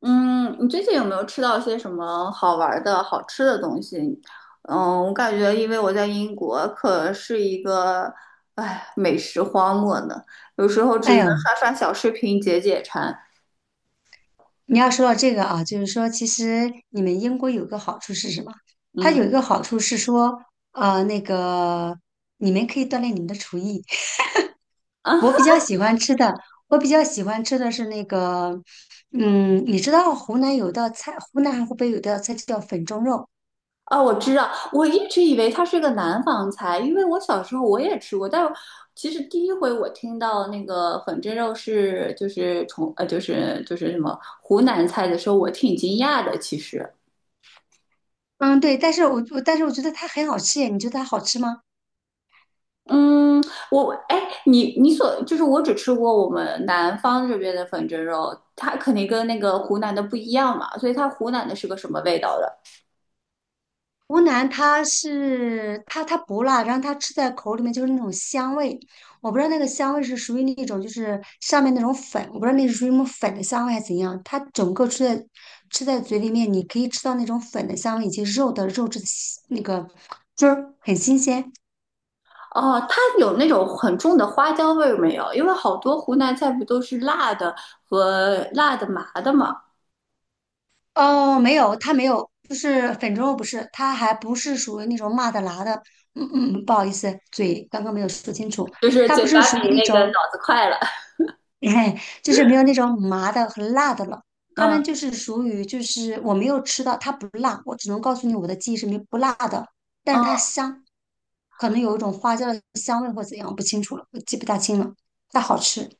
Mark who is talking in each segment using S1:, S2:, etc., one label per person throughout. S1: 嗯，你最近有没有吃到些什么好玩儿的、好吃的东西？我感觉因为我在英国可是一个，哎，美食荒漠呢，有时候只
S2: 哎
S1: 能
S2: 呦，
S1: 刷刷小视频解解馋。
S2: 你要说到这个啊，就是说，其实你们英国有个好处是什么？它
S1: 嗯，
S2: 有一个好处是说，呃，那个你们可以锻炼你们的厨艺。
S1: 啊
S2: 我比较喜欢吃的，我比较喜欢吃的是那个，嗯，你知道湖南有道菜，湖南还湖北有道菜叫粉蒸肉，
S1: 啊，我知道，我一直以为它是个南方菜，因为我小时候我也吃过，但其实第一回我听到那个粉蒸肉是就是从就是什么湖南菜的时候，我挺惊讶的，其实。
S2: 嗯，对，但是我但是我觉得它很好吃耶，你觉得它好吃吗？
S1: 嗯，哎，你就是我只吃过我们南方这边的粉蒸肉，它肯定跟那个湖南的不一样嘛，所以它湖南的是个什么味道的？
S2: 湖南它是它不辣，然后它吃在口里面就是那种香味，我不知道那个香味是属于那种就是上面那种粉，我不知道那是属于什么粉的香味还是怎样，它整个吃在吃在嘴里面，你可以吃到那种粉的香味以及肉的肉质的新那个汁儿很新鲜。
S1: 哦，它有那种很重的花椒味儿没有？因为好多湖南菜不都是辣的和辣的麻的嘛，
S2: 哦，没有，它没有，就是粉蒸肉不是，它还不是属于那种麻的辣的，嗯嗯，不好意思，嘴刚刚没有说清楚，
S1: 就是
S2: 它不
S1: 嘴
S2: 是
S1: 巴
S2: 属于
S1: 比
S2: 那
S1: 那个
S2: 种。
S1: 脑子快了。
S2: 哎，就是没有那种麻的和辣的了。他
S1: 嗯
S2: 们
S1: 嗯，
S2: 就是属于，就是我没有吃到，它不辣，我只能告诉你我的记忆是没不辣的，但是它香，可能有一种花椒的香味或怎样，不清楚了，我记不大清了，但好吃。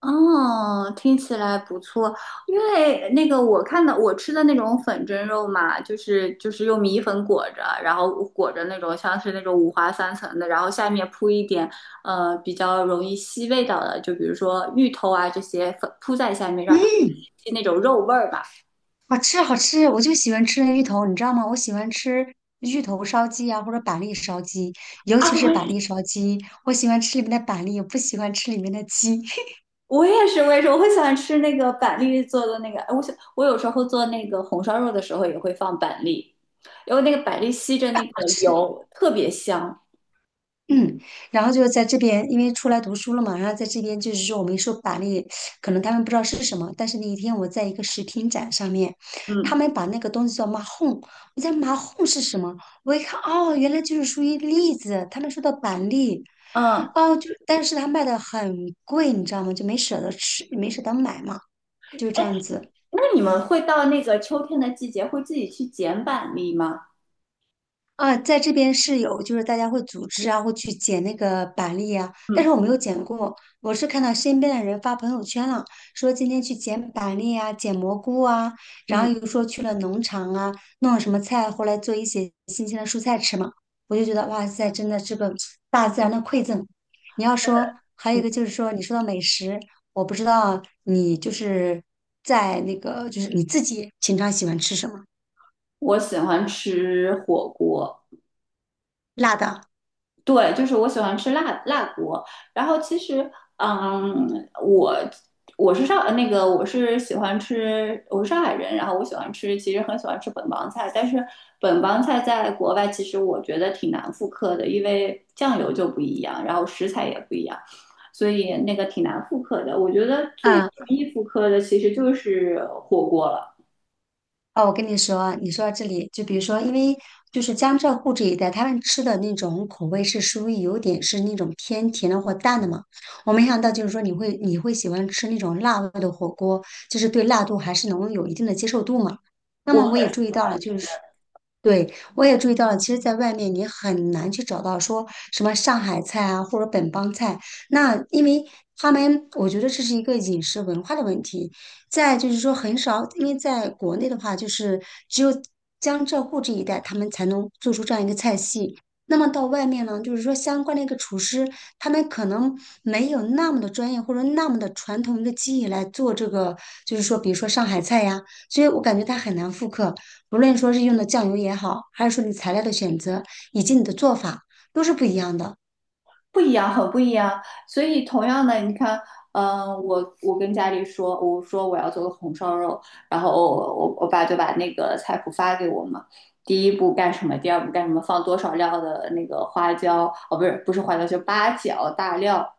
S1: 哦，听起来不错。因为那个我看到我吃的那种粉蒸肉嘛，就是用米粉裹着，然后裹着那种像是那种五花三层的，然后下面铺一点比较容易吸味道的，就比如说芋头啊这些粉铺在下面，让它
S2: 嗯，
S1: 吸那种肉味儿吧。
S2: 好吃好吃，我就喜欢吃那芋头，你知道吗？我喜欢吃芋头烧鸡啊，或者板栗烧鸡，尤
S1: 啊，
S2: 其是板栗烧鸡，我喜欢吃里面的板栗，不喜欢吃里面的鸡，
S1: 我也是，我也是，我会喜欢吃那个板栗做的那个。哎我想我有时候做那个红烧肉的时候也会放板栗，因为那个板栗吸着
S2: 好
S1: 那个
S2: 吃。
S1: 油特别香。
S2: 嗯，然后就是在这边，因为出来读书了嘛，然后在这边就是说我们说板栗，可能他们不知道是什么，但是那一天我在一个食品展上面，他
S1: 嗯。
S2: 们把那个东西叫马哄，我在马哄是什么？我一看，哦，原来就是属于栗子，他们说的板栗，
S1: 嗯，
S2: 哦，就但是他卖的很贵，你知道吗？就没舍得吃，没舍得买嘛，就这
S1: 哎，
S2: 样子。
S1: 那你们会到那个秋天的季节，会自己去捡板栗吗？
S2: 啊，在这边是有，就是大家会组织啊，会去捡那个板栗啊，但
S1: 嗯
S2: 是我没有捡过，我是看到身边的人发朋友圈了，说今天去捡板栗啊，捡蘑菇啊，然后
S1: 嗯，
S2: 又说去了农场啊，弄了什么菜回来做一些新鲜的蔬菜吃嘛，我就觉得哇塞，真的是个 大自然的馈赠。你要说还有一个就是说，你说到美食，我不知道你就是在那个就是你自己平常喜欢吃什么，
S1: 我喜欢吃火锅。
S2: 辣的
S1: 对，就是我喜欢吃辣辣锅。然后其实，我我是上那个我是喜欢吃，我是上海人，然后我喜欢吃，其实很喜欢吃本帮菜。但是本帮菜在国外其实我觉得挺难复刻的，因为酱油就不一样，然后食材也不一样，所以那个挺难复刻的。我觉得最容
S2: 啊，
S1: 易复刻的其实就是火锅了。
S2: 哦，我跟你说，你说到这里，就比如说，因为就是江浙沪这一带，他们吃的那种口味是属于有点是那种偏甜的或淡的嘛。我没想到就是说你会喜欢吃那种辣味的火锅，就是对辣度还是能有一定的接受度嘛。那
S1: 我
S2: 么
S1: 很
S2: 我也注意到了，就是对，我也注意到了，其实，在外面你很难去找到说什么上海菜啊，或者本帮菜。那因为他们，我觉得这是一个饮食文化的问题。再就是说，很少，因为在国内的话，就是只有江浙沪这一带，他们才能做出这样一个菜系。那么到外面呢，就是说相关的一个厨师，他们可能没有那么的专业或者那么的传统一个技艺来做这个，就是说，比如说上海菜呀，所以我感觉他很难复刻。不论说是用的酱油也好，还是说你材料的选择以及你的做法，都是不一样的。
S1: 不一样，很不一样。所以同样的，你看，我跟家里说，我说我要做个红烧肉，然后我爸就把那个菜谱发给我嘛。第一步干什么，第二步干什么，放多少料的那个花椒，哦，不是不是花椒，就八角、大料，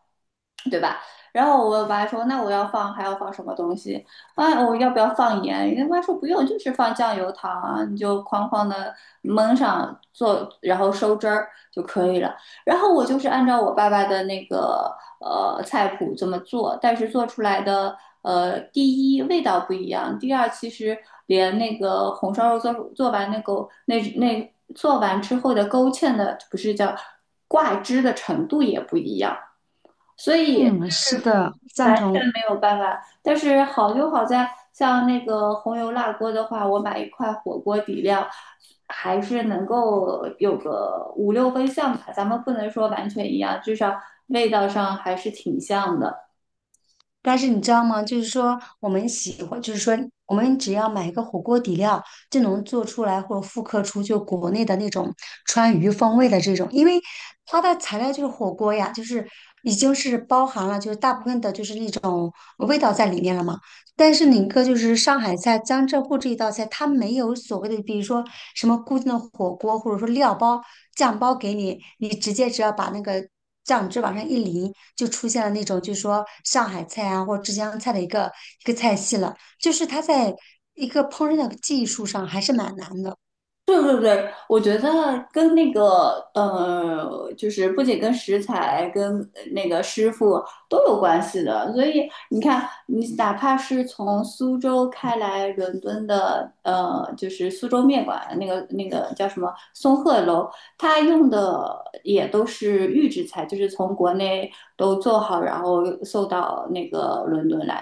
S1: 对吧？然后我爸说，那我要放还要放什么东西？啊，我要不要放盐？人家妈说不用，就是放酱油糖啊，你就哐哐的焖上做，然后收汁儿就可以了。然后我就是按照我爸爸的那个菜谱这么做，但是做出来的第一味道不一样，第二其实连那个红烧肉做完那个那做完之后的勾芡的不是叫挂汁的程度也不一样。所以
S2: 嗯，
S1: 就
S2: 是
S1: 是
S2: 的，赞
S1: 完全
S2: 同。
S1: 没有办法。但是好就好在，像那个红油辣锅的话，我买一块火锅底料，还是能够有个五六分像吧。咱们不能说完全一样，至少味道上还是挺像的。
S2: 但是你知道吗？就是说我们喜欢，就是说我们只要买一个火锅底料，就能做出来或者复刻出就国内的那种川渝风味的这种，因为它的材料就是火锅呀，就是已经是包含了就是大部分的就是那种味道在里面了嘛。但是宁珂就是上海菜、江浙沪这一道菜，它没有所谓的，比如说什么固定的火锅，或者说料包、酱包给你，你直接只要把那个酱汁往上一淋，就出现了那种就是说上海菜啊或者浙江菜的一个菜系了。就是它在一个烹饪的技术上还是蛮难的。
S1: 对对对，我觉得跟那个就是不仅跟食材、跟那个师傅都有关系的。所以你看，你哪怕是从苏州开来伦敦的，就是苏州面馆那个叫什么松鹤楼，它用的也都是预制菜，就是从国内都做好，然后送到那个伦敦来。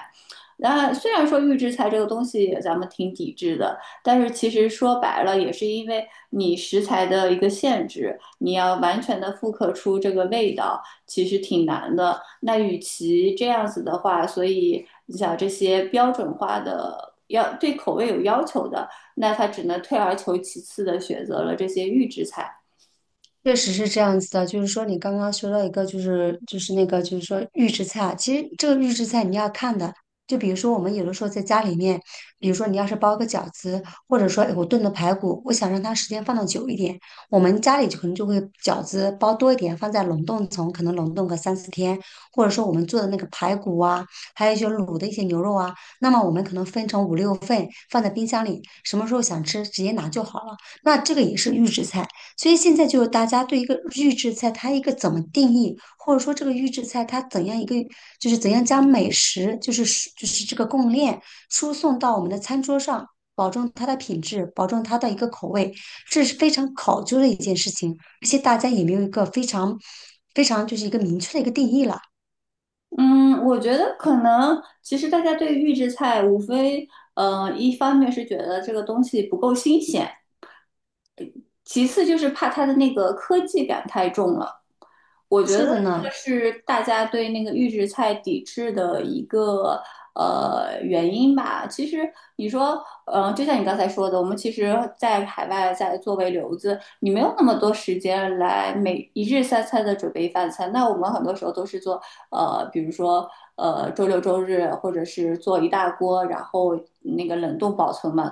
S1: 那虽然说预制菜这个东西咱们挺抵制的，但是其实说白了，也是因为你食材的一个限制，你要完全的复刻出这个味道，其实挺难的。那与其这样子的话，所以你想这些标准化的要对口味有要求的，那他只能退而求其次的选择了这些预制菜。
S2: 确实是这样子的，就是说你刚刚说到一个，就是那个，就是说预制菜，啊。其实这个预制菜你要看的，就比如说我们有的时候在家里面，比如说你要是包个饺子，或者说哎我炖的排骨，我想让它时间放的久一点，我们家里就可能就会饺子包多一点，放在冷冻层，可能冷冻个三四天，或者说我们做的那个排骨啊，还有一些卤的一些牛肉啊，那么我们可能分成五六份放在冰箱里，什么时候想吃直接拿就好了。那这个也是预制菜。所以现在就是大家对一个预制菜，它一个怎么定义，或者说这个预制菜它怎样一个，就是怎样将美食，就是这个供应链输送到我们的餐桌上，保证它的品质，保证它的一个口味，这是非常考究的一件事情，而且大家也没有一个非常就是一个明确的一个定义了。
S1: 嗯，我觉得可能其实大家对预制菜无非，一方面是觉得这个东西不够新鲜，其次就是怕它的那个科技感太重了。我觉得
S2: 是
S1: 这
S2: 的
S1: 个
S2: 呢，
S1: 是大家对那个预制菜抵制的一个原因吧。其实你说，就像你刚才说的，我们其实，在海外在作为留子，你没有那么多时间来每一日三餐的准备饭菜。那我们很多时候都是做，比如说，周六周日，或者是做一大锅，然后那个冷冻保存嘛，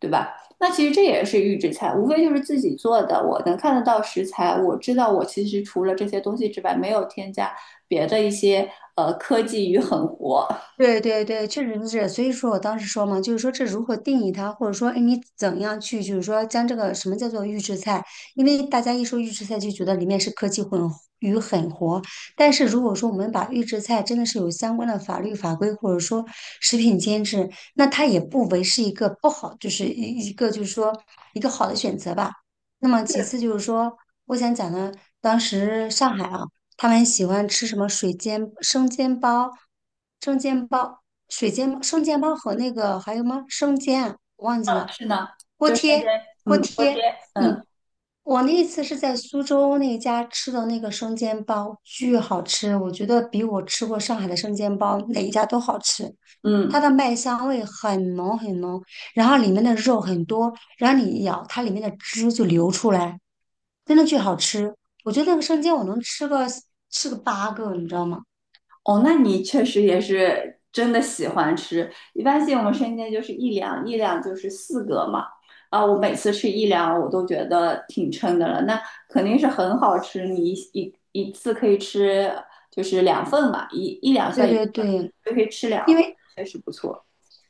S1: 对吧？那其实这也是预制菜，无非就是自己做的。我能看得到食材，我知道我其实除了这些东西之外，没有添加别的一些科技与狠活。
S2: 对对对，确实是这所以说我当时说嘛，就是说这如何定义它，或者说，哎，你怎样去，就是说将这个什么叫做预制菜？因为大家一说预制菜就觉得里面是科技混与狠活，但是如果说我们把预制菜真的是有相关的法律法规，或者说食品监制，那它也不为是一个不好，就是一个就是说一个好的选择吧。那么其
S1: 是
S2: 次就是说，我想讲的，当时上海啊。他们喜欢吃什么水煎生煎包、生煎包、水煎生煎包和那个还有吗？生煎啊我忘记了，
S1: 是呢，
S2: 锅
S1: 天天，
S2: 贴锅
S1: 嗯，锅贴，
S2: 贴。
S1: 嗯
S2: 嗯，我那一次是在苏州那家吃的那个生煎包，巨好吃，我觉得比我吃过上海的生煎包哪一家都好吃。它
S1: 嗯。
S2: 的麦香味很浓很浓，然后里面的肉很多，然后你一咬，它里面的汁就流出来，真的巨好吃。我觉得那个生煎我能吃个吃个8个，你知道吗？
S1: 哦，那你确实也是真的喜欢吃。一般性我们生煎就是一两，一两就是四个嘛。啊，我每次吃一两，我都觉得挺撑的了。那肯定是很好吃，你一次可以吃就是两份嘛，一两
S2: 对
S1: 算一份，
S2: 对对，
S1: 就可以吃两
S2: 因
S1: 份，
S2: 为
S1: 确实不错。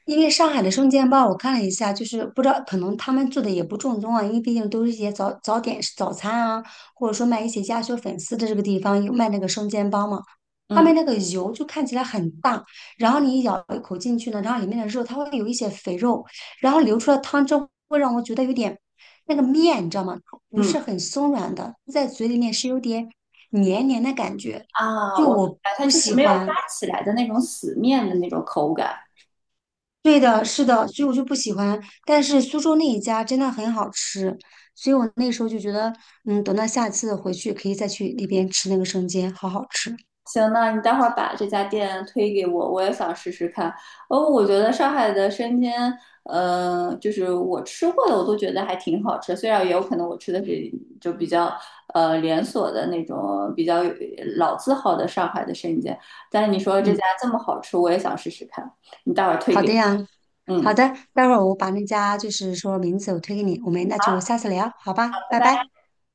S2: 因为上海的生煎包，我看了一下，就是不知道可能他们做的也不正宗啊，因为毕竟都是一些早早点早餐啊，或者说卖一些鸭血粉丝的这个地方有卖那个生煎包嘛，他
S1: 嗯
S2: 们那个油就看起来很大，然后你一咬一口进去呢，然后里面的肉它会有一些肥肉，然后流出来汤汁会让我觉得有点那个面，你知道吗？它不
S1: 嗯，
S2: 是很松软的，在嘴里面是有点黏黏的感觉，
S1: 啊，
S2: 就
S1: 我明
S2: 我
S1: 白，它
S2: 不
S1: 就是
S2: 喜
S1: 没有
S2: 欢。
S1: 发起来的那种死面的那种口感。
S2: 对的，是的，所以我就不喜欢。但是苏州那一家真的很好吃，所以我那时候就觉得，嗯，等到下次回去可以再去那边吃那个生煎，好好吃。
S1: 行，那你待会儿把这家店推给我，我也想试试看。哦，我觉得上海的生煎，就是我吃过的，我都觉得还挺好吃。虽然也有可能我吃的是就比较连锁的那种比较老字号的上海的生煎，但是你说这家
S2: 嗯，
S1: 这么好吃，我也想试试看。你待会儿推
S2: 好的
S1: 给，
S2: 呀，好
S1: 嗯，
S2: 的，待会儿我把那家就是说名字我推给你，我们那就下次聊，好吧，
S1: 拜
S2: 拜
S1: 拜。
S2: 拜。